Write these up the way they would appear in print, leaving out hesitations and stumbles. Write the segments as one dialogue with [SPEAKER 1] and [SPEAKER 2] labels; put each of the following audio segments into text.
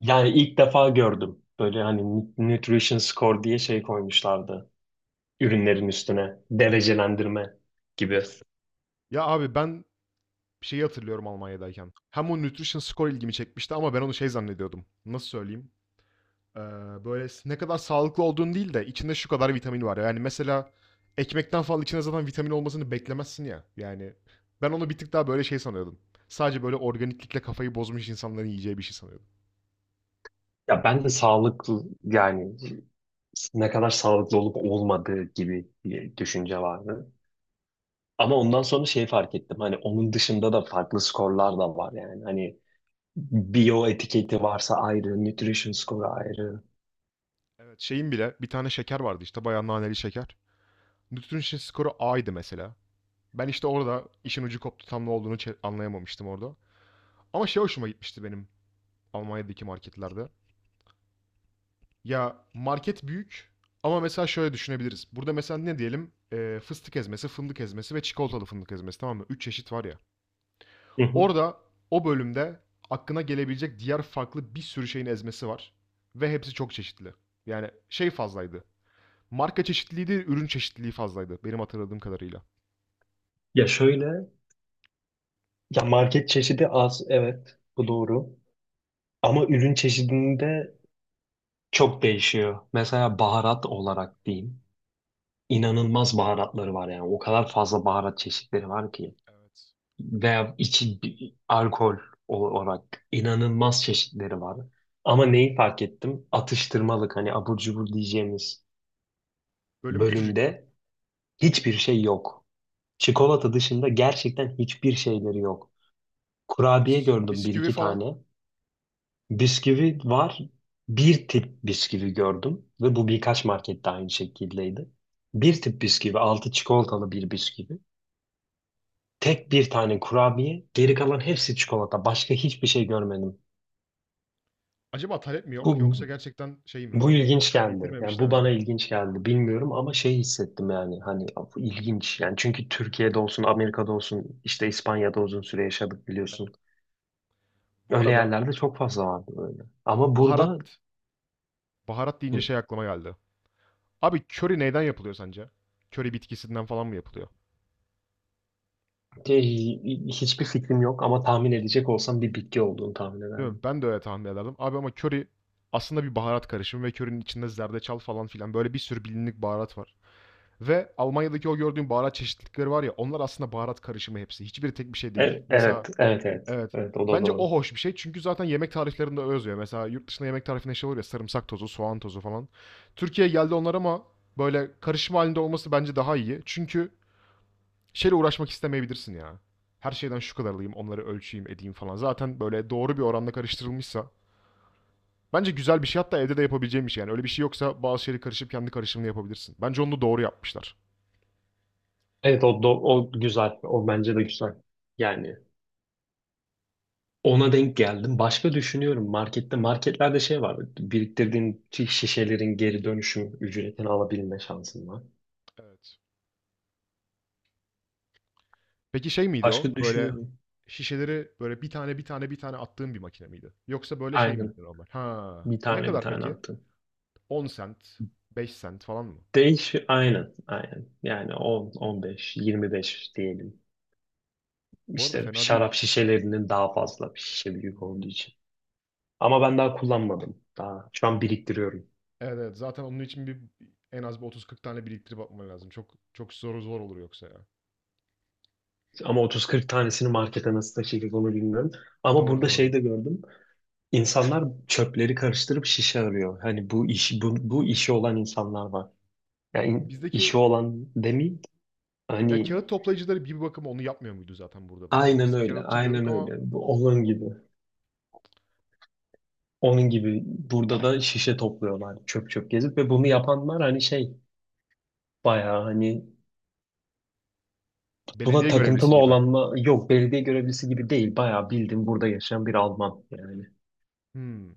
[SPEAKER 1] Yani ilk defa gördüm. Böyle hani nutrition score diye şey koymuşlardı. Ürünlerin üstüne. Derecelendirme gibi.
[SPEAKER 2] Ya abi ben şeyi hatırlıyorum Almanya'dayken. Hem o nutrition score ilgimi çekmişti ama ben onu şey zannediyordum. Nasıl söyleyeyim? Ee, böyle ne kadar sağlıklı olduğun değil de içinde şu kadar vitamin var. Yani mesela ekmekten falan içinde zaten vitamin olmasını beklemezsin ya. Yani ben onu bir tık daha böyle şey sanıyordum. Sadece böyle organiklikle kafayı bozmuş insanların yiyeceği bir şey sanıyordum.
[SPEAKER 1] Ya ben de sağlıklı yani ne kadar sağlıklı olup olmadığı gibi bir düşünce vardı. Ama ondan sonra şey fark ettim. Hani onun dışında da farklı skorlar da var yani. Hani bio etiketi varsa ayrı, nutrition score ayrı.
[SPEAKER 2] Evet şeyin bile bir tane şeker vardı işte bayağı naneli şeker. Nutrition skoru A'ydı mesela. Ben işte orada işin ucu koptu tam ne olduğunu anlayamamıştım orada. Ama şey hoşuma gitmişti benim. Almanya'daki marketlerde. Ya market büyük ama mesela şöyle düşünebiliriz. Burada mesela ne diyelim? Fıstık ezmesi, fındık ezmesi ve çikolatalı fındık ezmesi tamam mı? 3 çeşit var ya.
[SPEAKER 1] Hı hı.
[SPEAKER 2] Orada o bölümde aklına gelebilecek diğer farklı bir sürü şeyin ezmesi var. Ve hepsi çok çeşitli. Yani şey fazlaydı. Marka çeşitliliği değil, ürün çeşitliliği fazlaydı benim hatırladığım kadarıyla.
[SPEAKER 1] Ya şöyle, ya market çeşidi az, evet bu doğru. Ama ürün çeşidinde çok değişiyor. Mesela baharat olarak diyeyim. İnanılmaz baharatları var yani. O kadar fazla baharat çeşitleri var ki.
[SPEAKER 2] Evet.
[SPEAKER 1] Veya içi alkol olarak inanılmaz çeşitleri var. Ama neyi fark ettim? Atıştırmalık hani abur cubur diyeceğimiz
[SPEAKER 2] Bölüm küçücük mü?
[SPEAKER 1] bölümde hiçbir şey yok. Çikolata dışında gerçekten hiçbir şeyleri yok. Kurabiye
[SPEAKER 2] Bis
[SPEAKER 1] gördüm bir
[SPEAKER 2] bisküvi
[SPEAKER 1] iki tane.
[SPEAKER 2] falan.
[SPEAKER 1] Bisküvi var. Bir tip bisküvi gördüm ve bu birkaç markette aynı şekildeydi. Bir tip bisküvi, altı çikolatalı bir bisküvi. Tek bir tane kurabiye, geri kalan hepsi çikolata. Başka hiçbir şey görmedim.
[SPEAKER 2] Acaba talep mi yok
[SPEAKER 1] Bu
[SPEAKER 2] yoksa gerçekten şey mi?
[SPEAKER 1] bu ilginç geldi. Yani
[SPEAKER 2] Getirmemişler
[SPEAKER 1] bu bana
[SPEAKER 2] mi?
[SPEAKER 1] ilginç geldi. Bilmiyorum ama şey hissettim yani hani bu ilginç. Yani çünkü Türkiye'de olsun, Amerika'da olsun, işte İspanya'da uzun süre yaşadık
[SPEAKER 2] Evet.
[SPEAKER 1] biliyorsun.
[SPEAKER 2] Bu
[SPEAKER 1] Öyle
[SPEAKER 2] arada
[SPEAKER 1] yerlerde çok fazla vardı böyle. Ama
[SPEAKER 2] baharat
[SPEAKER 1] burada
[SPEAKER 2] baharat deyince
[SPEAKER 1] Hı.
[SPEAKER 2] şey aklıma geldi. Abi köri neyden yapılıyor sence? Köri bitkisinden falan mı yapılıyor?
[SPEAKER 1] Te- Hiçbir fikrim yok ama tahmin edecek olsam bir bitki olduğunu tahmin
[SPEAKER 2] Değil mi?
[SPEAKER 1] ederdim.
[SPEAKER 2] Ben de öyle tahmin ederdim. Abi ama köri aslında bir baharat karışımı ve körinin içinde zerdeçal falan filan böyle bir sürü bilindik baharat var. Ve Almanya'daki o gördüğün baharat çeşitlilikleri var ya onlar aslında baharat karışımı hepsi. Hiçbiri tek bir şey değil. Mesela
[SPEAKER 1] Evet, evet, evet.
[SPEAKER 2] evet.
[SPEAKER 1] Evet, o da
[SPEAKER 2] Bence
[SPEAKER 1] doğru.
[SPEAKER 2] o hoş bir şey çünkü zaten yemek tariflerinde öyle yazıyor. Mesela yurt dışında yemek tarifinde şey olur ya sarımsak tozu, soğan tozu falan. Türkiye'ye geldi onlar ama böyle karışım halinde olması bence daha iyi. Çünkü şeyle uğraşmak istemeyebilirsin ya. Her şeyden şu kadar alayım, onları ölçeyim, edeyim falan. Zaten böyle doğru bir oranda karıştırılmışsa bence güzel bir şey hatta evde de yapabileceğim bir şey. Yani öyle bir şey yoksa bazı şeyleri karışıp kendi karışımını yapabilirsin. Bence onu da doğru yapmışlar.
[SPEAKER 1] Evet, o, o güzel. O bence de güzel. Yani ona denk geldim. Başka düşünüyorum. Markette, marketlerde şey var. Biriktirdiğin şişelerin geri dönüşüm ücretini alabilme şansın var.
[SPEAKER 2] Evet. Peki şey miydi o?
[SPEAKER 1] Başka
[SPEAKER 2] Böyle
[SPEAKER 1] düşünüyorum.
[SPEAKER 2] şişeleri böyle bir tane bir tane bir tane attığın bir makine miydi? Yoksa böyle şey miydi
[SPEAKER 1] Aynen.
[SPEAKER 2] normal? Ha.
[SPEAKER 1] Bir
[SPEAKER 2] Ne
[SPEAKER 1] tane bir
[SPEAKER 2] kadar
[SPEAKER 1] tane
[SPEAKER 2] peki?
[SPEAKER 1] attım.
[SPEAKER 2] 10 sent, 5 sent falan mı?
[SPEAKER 1] Değiş, aynen, aynen. Yani 10, 15, 25 diyelim.
[SPEAKER 2] Bu arada
[SPEAKER 1] İşte
[SPEAKER 2] fena değil.
[SPEAKER 1] şarap şişelerinin daha fazla bir şişe büyük
[SPEAKER 2] Hmm.
[SPEAKER 1] olduğu için. Ama ben daha kullanmadım. Daha şu an biriktiriyorum.
[SPEAKER 2] Evet, evet zaten onun için en az bir 30-40 tane biriktirip atman lazım. Çok çok zor zor olur yoksa ya.
[SPEAKER 1] Ama 30-40 tanesini markete nasıl taşıyacağız onu bilmiyorum. Ama
[SPEAKER 2] Doğru,
[SPEAKER 1] burada
[SPEAKER 2] doğru.
[SPEAKER 1] şey de gördüm. İnsanlar çöpleri karıştırıp şişe arıyor. Hani bu işi olan insanlar var. Yani işi
[SPEAKER 2] Bizdeki
[SPEAKER 1] olan demeyeyim.
[SPEAKER 2] ya
[SPEAKER 1] Hani
[SPEAKER 2] kağıt toplayıcıları bir bakıma onu yapmıyor muydu zaten burada da ya?
[SPEAKER 1] aynen
[SPEAKER 2] Biz
[SPEAKER 1] öyle.
[SPEAKER 2] kağıtçı
[SPEAKER 1] Aynen
[SPEAKER 2] diyorduk ama
[SPEAKER 1] öyle. Bu onun
[SPEAKER 2] o-
[SPEAKER 1] gibi. Onun gibi burada da şişe topluyorlar çöp çöp gezip ve bunu yapanlar hani şey bayağı hani. Buna
[SPEAKER 2] belediye görevlisi
[SPEAKER 1] takıntılı
[SPEAKER 2] gibi.
[SPEAKER 1] olanla yok belediye görevlisi gibi değil. Bayağı bildim burada yaşayan bir Alman yani.
[SPEAKER 2] Hmm,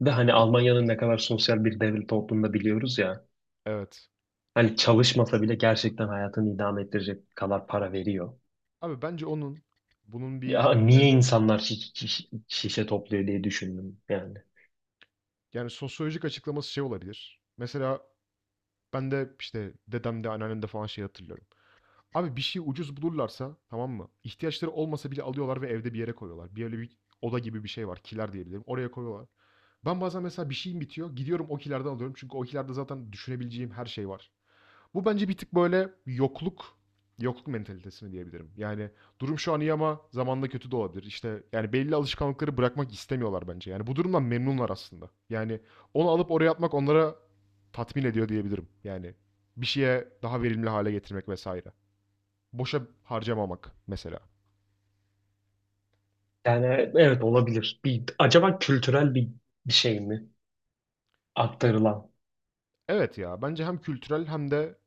[SPEAKER 1] Ve hani Almanya'nın ne kadar sosyal bir devlet olduğunu da biliyoruz ya.
[SPEAKER 2] evet.
[SPEAKER 1] Hani çalışmasa bile gerçekten hayatını idame ettirecek kadar para veriyor.
[SPEAKER 2] Abi bence onun bunun bir
[SPEAKER 1] Ya niye
[SPEAKER 2] yani
[SPEAKER 1] insanlar şişe topluyor diye düşündüm yani.
[SPEAKER 2] yani sosyolojik açıklaması şey olabilir. Mesela ben de işte dedemde, anneannemde falan şey hatırlıyorum. Abi bir şey ucuz bulurlarsa tamam mı? İhtiyaçları olmasa bile alıyorlar ve evde bir yere koyuyorlar. Bir öyle bir oda gibi bir şey var. Kiler diyebilirim. Oraya koyuyorlar. Ben bazen mesela bir şeyim bitiyor. Gidiyorum o kilerden alıyorum. Çünkü o kilerde zaten düşünebileceğim her şey var. Bu bence bir tık böyle yokluk mentalitesini diyebilirim. Yani durum şu an iyi ama zamanla kötü de olabilir. İşte yani belli alışkanlıkları bırakmak istemiyorlar bence. Yani bu durumdan memnunlar aslında. Yani onu alıp oraya atmak onlara tatmin ediyor diyebilirim. Yani bir şeye daha verimli hale getirmek vesaire. Boşa harcamamak mesela.
[SPEAKER 1] Yani evet olabilir. Bir, acaba kültürel bir şey mi aktarılan?
[SPEAKER 2] Evet ya bence hem kültürel hem de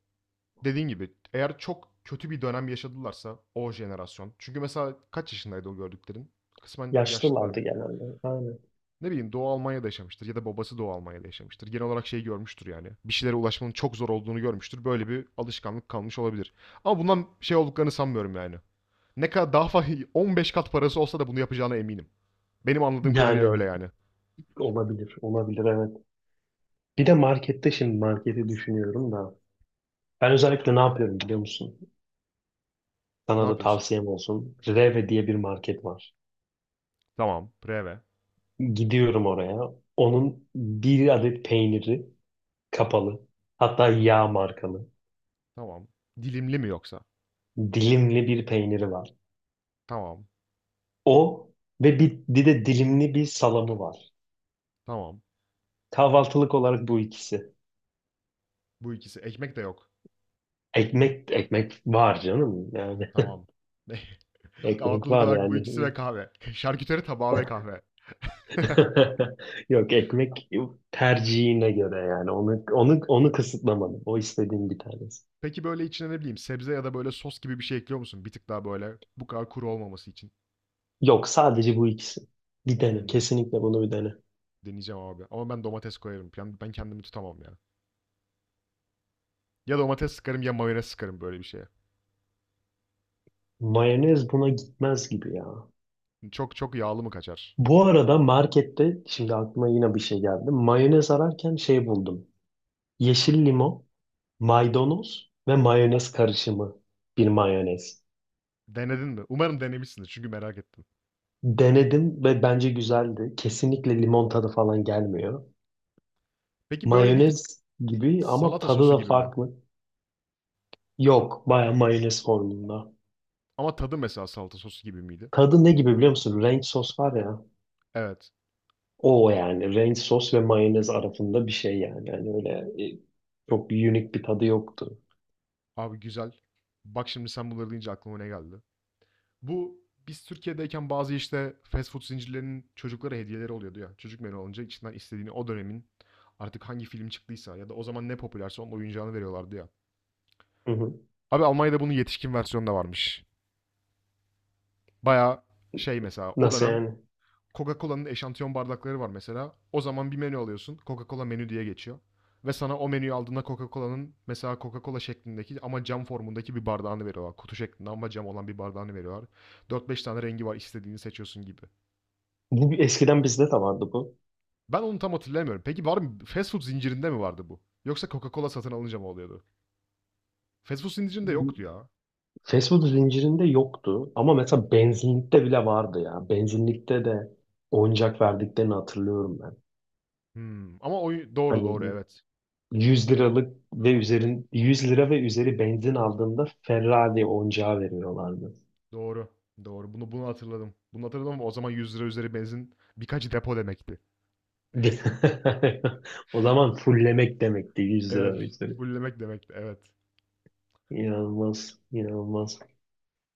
[SPEAKER 2] dediğin gibi eğer çok kötü bir dönem yaşadılarsa o jenerasyon. Çünkü mesela kaç yaşındaydı o gördüklerin? Kısmen yaşlılar
[SPEAKER 1] Yaşlılardı
[SPEAKER 2] mı?
[SPEAKER 1] genelde. Aynen.
[SPEAKER 2] Ne bileyim Doğu Almanya'da yaşamıştır ya da babası Doğu Almanya'da yaşamıştır. Genel olarak şey görmüştür yani. Bir şeylere ulaşmanın çok zor olduğunu görmüştür. Böyle bir alışkanlık kalmış olabilir. Ama bundan şey olduklarını sanmıyorum yani. Ne kadar daha 15 kat parası olsa da bunu yapacağına eminim. Benim anladığım kadarıyla öyle
[SPEAKER 1] Yani
[SPEAKER 2] yani.
[SPEAKER 1] olabilir, olabilir evet. Bir de markette şimdi marketi düşünüyorum da. Ben özellikle ne yapıyorum biliyor musun?
[SPEAKER 2] Ne
[SPEAKER 1] Sana da
[SPEAKER 2] yapıyorsun?
[SPEAKER 1] tavsiyem olsun. Reve diye bir market var.
[SPEAKER 2] Tamam. Preve.
[SPEAKER 1] Gidiyorum oraya. Onun bir adet peyniri kapalı. Hatta yağ markalı.
[SPEAKER 2] Tamam. Dilimli mi yoksa?
[SPEAKER 1] Dilimli bir peyniri var.
[SPEAKER 2] Tamam.
[SPEAKER 1] O ve bir de dilimli bir salamı var.
[SPEAKER 2] Tamam.
[SPEAKER 1] Kahvaltılık olarak bu ikisi.
[SPEAKER 2] Bu ikisi. Ekmek de yok.
[SPEAKER 1] Ekmek ekmek var canım yani.
[SPEAKER 2] Tamam.
[SPEAKER 1] Ekmek
[SPEAKER 2] Kahvaltılık
[SPEAKER 1] var
[SPEAKER 2] olarak bu
[SPEAKER 1] yani.
[SPEAKER 2] ikisi ve kahve. Şarküteri tabağı ve kahve.
[SPEAKER 1] Yok ekmek tercihine göre yani. Onu kısıtlamadım. O istediğin bir tanesi.
[SPEAKER 2] Peki böyle içine ne bileyim sebze ya da böyle sos gibi bir şey ekliyor musun? Bir tık daha böyle bu kadar kuru olmaması için.
[SPEAKER 1] Yok sadece bu ikisi. Bir dene.
[SPEAKER 2] Hmm,
[SPEAKER 1] Kesinlikle bunu bir dene.
[SPEAKER 2] deneyeceğim abi. Ama ben domates koyarım. Yani ben kendimi tutamam ya. Ya domates sıkarım ya mayonez sıkarım böyle bir şeye.
[SPEAKER 1] Mayonez buna gitmez gibi ya.
[SPEAKER 2] Çok çok yağlı mı kaçar?
[SPEAKER 1] Bu arada markette şimdi aklıma yine bir şey geldi. Mayonez ararken şey buldum. Yeşil limon, maydanoz ve mayonez karışımı bir mayonez.
[SPEAKER 2] Denedin mi? Umarım denemişsindir çünkü merak ettim.
[SPEAKER 1] Denedim ve bence güzeldi. Kesinlikle limon tadı falan gelmiyor.
[SPEAKER 2] Peki böyle bir tık
[SPEAKER 1] Mayonez gibi ama
[SPEAKER 2] salata
[SPEAKER 1] tadı
[SPEAKER 2] sosu
[SPEAKER 1] da
[SPEAKER 2] gibi mi?
[SPEAKER 1] farklı. Yok, baya mayonez formunda.
[SPEAKER 2] Ama tadı mesela salata sosu gibi miydi?
[SPEAKER 1] Tadı ne gibi biliyor musun? Ranch sos var ya.
[SPEAKER 2] Evet.
[SPEAKER 1] O yani ranch sos ve mayonez arasında bir şey yani. Yani öyle e, çok unique bir tadı yoktu.
[SPEAKER 2] Abi güzel. Bak şimdi sen bunları deyince aklıma ne geldi? Bu biz Türkiye'deyken bazı işte fast food zincirlerinin çocuklara hediyeleri oluyordu ya. Çocuk menü alınca içinden istediğini o dönemin artık hangi film çıktıysa ya da o zaman ne popülerse onun oyuncağını veriyorlardı ya.
[SPEAKER 1] Hı hı.
[SPEAKER 2] Abi Almanya'da bunun yetişkin versiyonu da varmış. Baya şey mesela o
[SPEAKER 1] Nasıl
[SPEAKER 2] dönem
[SPEAKER 1] yani?
[SPEAKER 2] Coca-Cola'nın eşantiyon bardakları var mesela. O zaman bir menü alıyorsun. Coca-Cola menü diye geçiyor. Ve sana o menüyü aldığında Coca-Cola'nın mesela Coca-Cola şeklindeki ama cam formundaki bir bardağını veriyorlar. Kutu şeklinde ama cam olan bir bardağını veriyorlar. 4-5 tane rengi var istediğini seçiyorsun gibi.
[SPEAKER 1] Bu eskiden bizde de vardı bu.
[SPEAKER 2] Ben onu tam hatırlayamıyorum. Peki var mı fast food zincirinde mi vardı bu? Yoksa Coca-Cola satın alınca mı oluyordu? Fast food zincirinde yoktu ya.
[SPEAKER 1] Fast food zincirinde yoktu ama mesela benzinlikte bile vardı ya. Benzinlikte de oyuncak verdiklerini hatırlıyorum ben.
[SPEAKER 2] Hımm. Ama oy doğru,
[SPEAKER 1] Hani
[SPEAKER 2] doğru, evet.
[SPEAKER 1] 100 lira ve üzeri benzin aldığında Ferrari oyuncağı veriyorlardı.
[SPEAKER 2] Doğru, doğru. Bunu hatırladım. Bunu hatırladım ama o zaman 100 lira üzeri benzin birkaç depo demekti.
[SPEAKER 1] O zaman fullemek demekti 100 lira ve
[SPEAKER 2] Evet,
[SPEAKER 1] üzeri.
[SPEAKER 2] fullemek demekti, evet.
[SPEAKER 1] İnanılmaz, inanılmaz.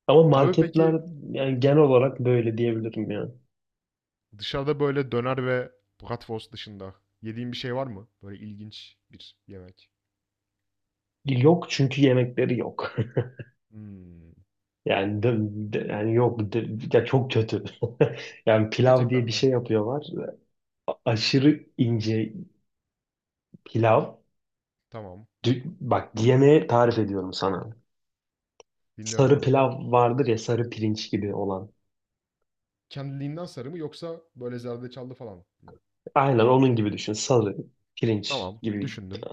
[SPEAKER 1] Ama
[SPEAKER 2] Abi peki
[SPEAKER 1] marketler yani genel olarak böyle diyebilirim yani.
[SPEAKER 2] dışarıda böyle döner ve bratwurst dışında yediğin bir şey var mı? Böyle ilginç bir yemek.
[SPEAKER 1] Yok çünkü yemekleri yok.
[SPEAKER 2] Hımm.
[SPEAKER 1] Yani de, de- yani yok de- ya çok kötü. Yani pilav
[SPEAKER 2] Gerçekten
[SPEAKER 1] diye bir
[SPEAKER 2] mi?
[SPEAKER 1] şey yapıyorlar. Aşırı ince pilav.
[SPEAKER 2] Tamam.
[SPEAKER 1] Bak yemeği tarif ediyorum sana.
[SPEAKER 2] Dinliyorum
[SPEAKER 1] Sarı
[SPEAKER 2] abi.
[SPEAKER 1] pilav vardır ya sarı pirinç gibi olan.
[SPEAKER 2] Kendiliğinden sarı mı yoksa böyle zerdeçallı falan mı?
[SPEAKER 1] Aynen onun gibi düşün. Sarı pirinç
[SPEAKER 2] Tamam.
[SPEAKER 1] gibi.
[SPEAKER 2] Düşündüm.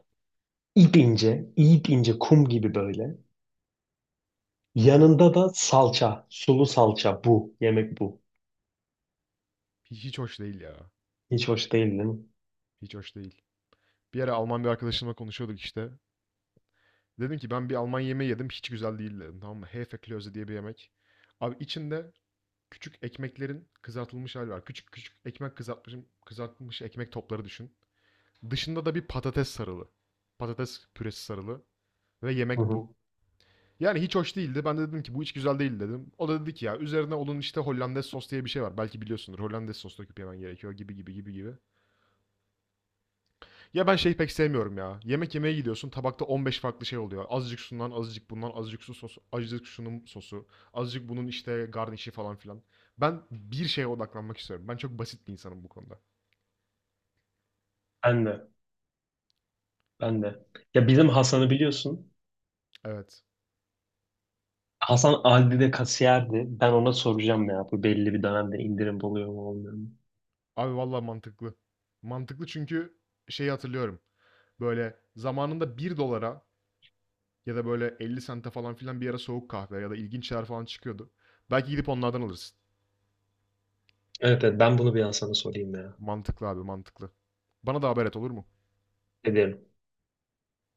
[SPEAKER 1] İp ince, ip ince kum gibi böyle. Yanında da salça, sulu salça bu. Yemek bu.
[SPEAKER 2] Hiç hoş değil ya.
[SPEAKER 1] Hiç hoş değil değil mi?
[SPEAKER 2] Hiç hoş değil. Bir ara Alman bir arkadaşımla konuşuyorduk işte. Dedim ki ben bir Alman yemeği yedim. Hiç güzel değil dedim. Tamam mı? Hefeklöze diye bir yemek. Abi içinde küçük ekmeklerin kızartılmış hali var. Küçük küçük ekmek kızartmış, kızartılmış ekmek topları düşün. Dışında da bir patates sarılı. Patates püresi sarılı. Ve
[SPEAKER 1] Hı
[SPEAKER 2] yemek
[SPEAKER 1] hı.
[SPEAKER 2] bu. Yani hiç hoş değildi. Ben de dedim ki bu hiç güzel değil dedim. O da dedi ki ya üzerine onun işte Hollandaise sos diye bir şey var. Belki biliyorsundur. Hollandaise sos döküp yemen gerekiyor gibi gibi gibi gibi. Ya ben şeyi pek sevmiyorum ya. Yemek yemeye gidiyorsun, tabakta 15 farklı şey oluyor. Azıcık şundan, azıcık bundan, azıcık su sosu, azıcık şunun sosu, azıcık bunun işte garnişi falan filan. Ben bir şeye odaklanmak istiyorum. Ben çok basit bir insanım bu konuda.
[SPEAKER 1] Ben de, ben de. Ya bizim Hasan'ı biliyorsun.
[SPEAKER 2] Evet.
[SPEAKER 1] Hasan Aldi'de kasiyerdi. Ben ona soracağım ya. Bu belli bir dönemde indirim oluyor mu olmuyor mu?
[SPEAKER 2] Abi vallahi mantıklı. Mantıklı çünkü şeyi hatırlıyorum. Böyle zamanında 1 dolara ya da böyle 50 sente falan filan bir ara soğuk kahve ya da ilginç şeyler falan çıkıyordu. Belki gidip onlardan alırsın.
[SPEAKER 1] Evet evet ben bunu bir Hasan'a sorayım ya.
[SPEAKER 2] Mantıklı abi, mantıklı. Bana da haber et olur mu?
[SPEAKER 1] Ederim.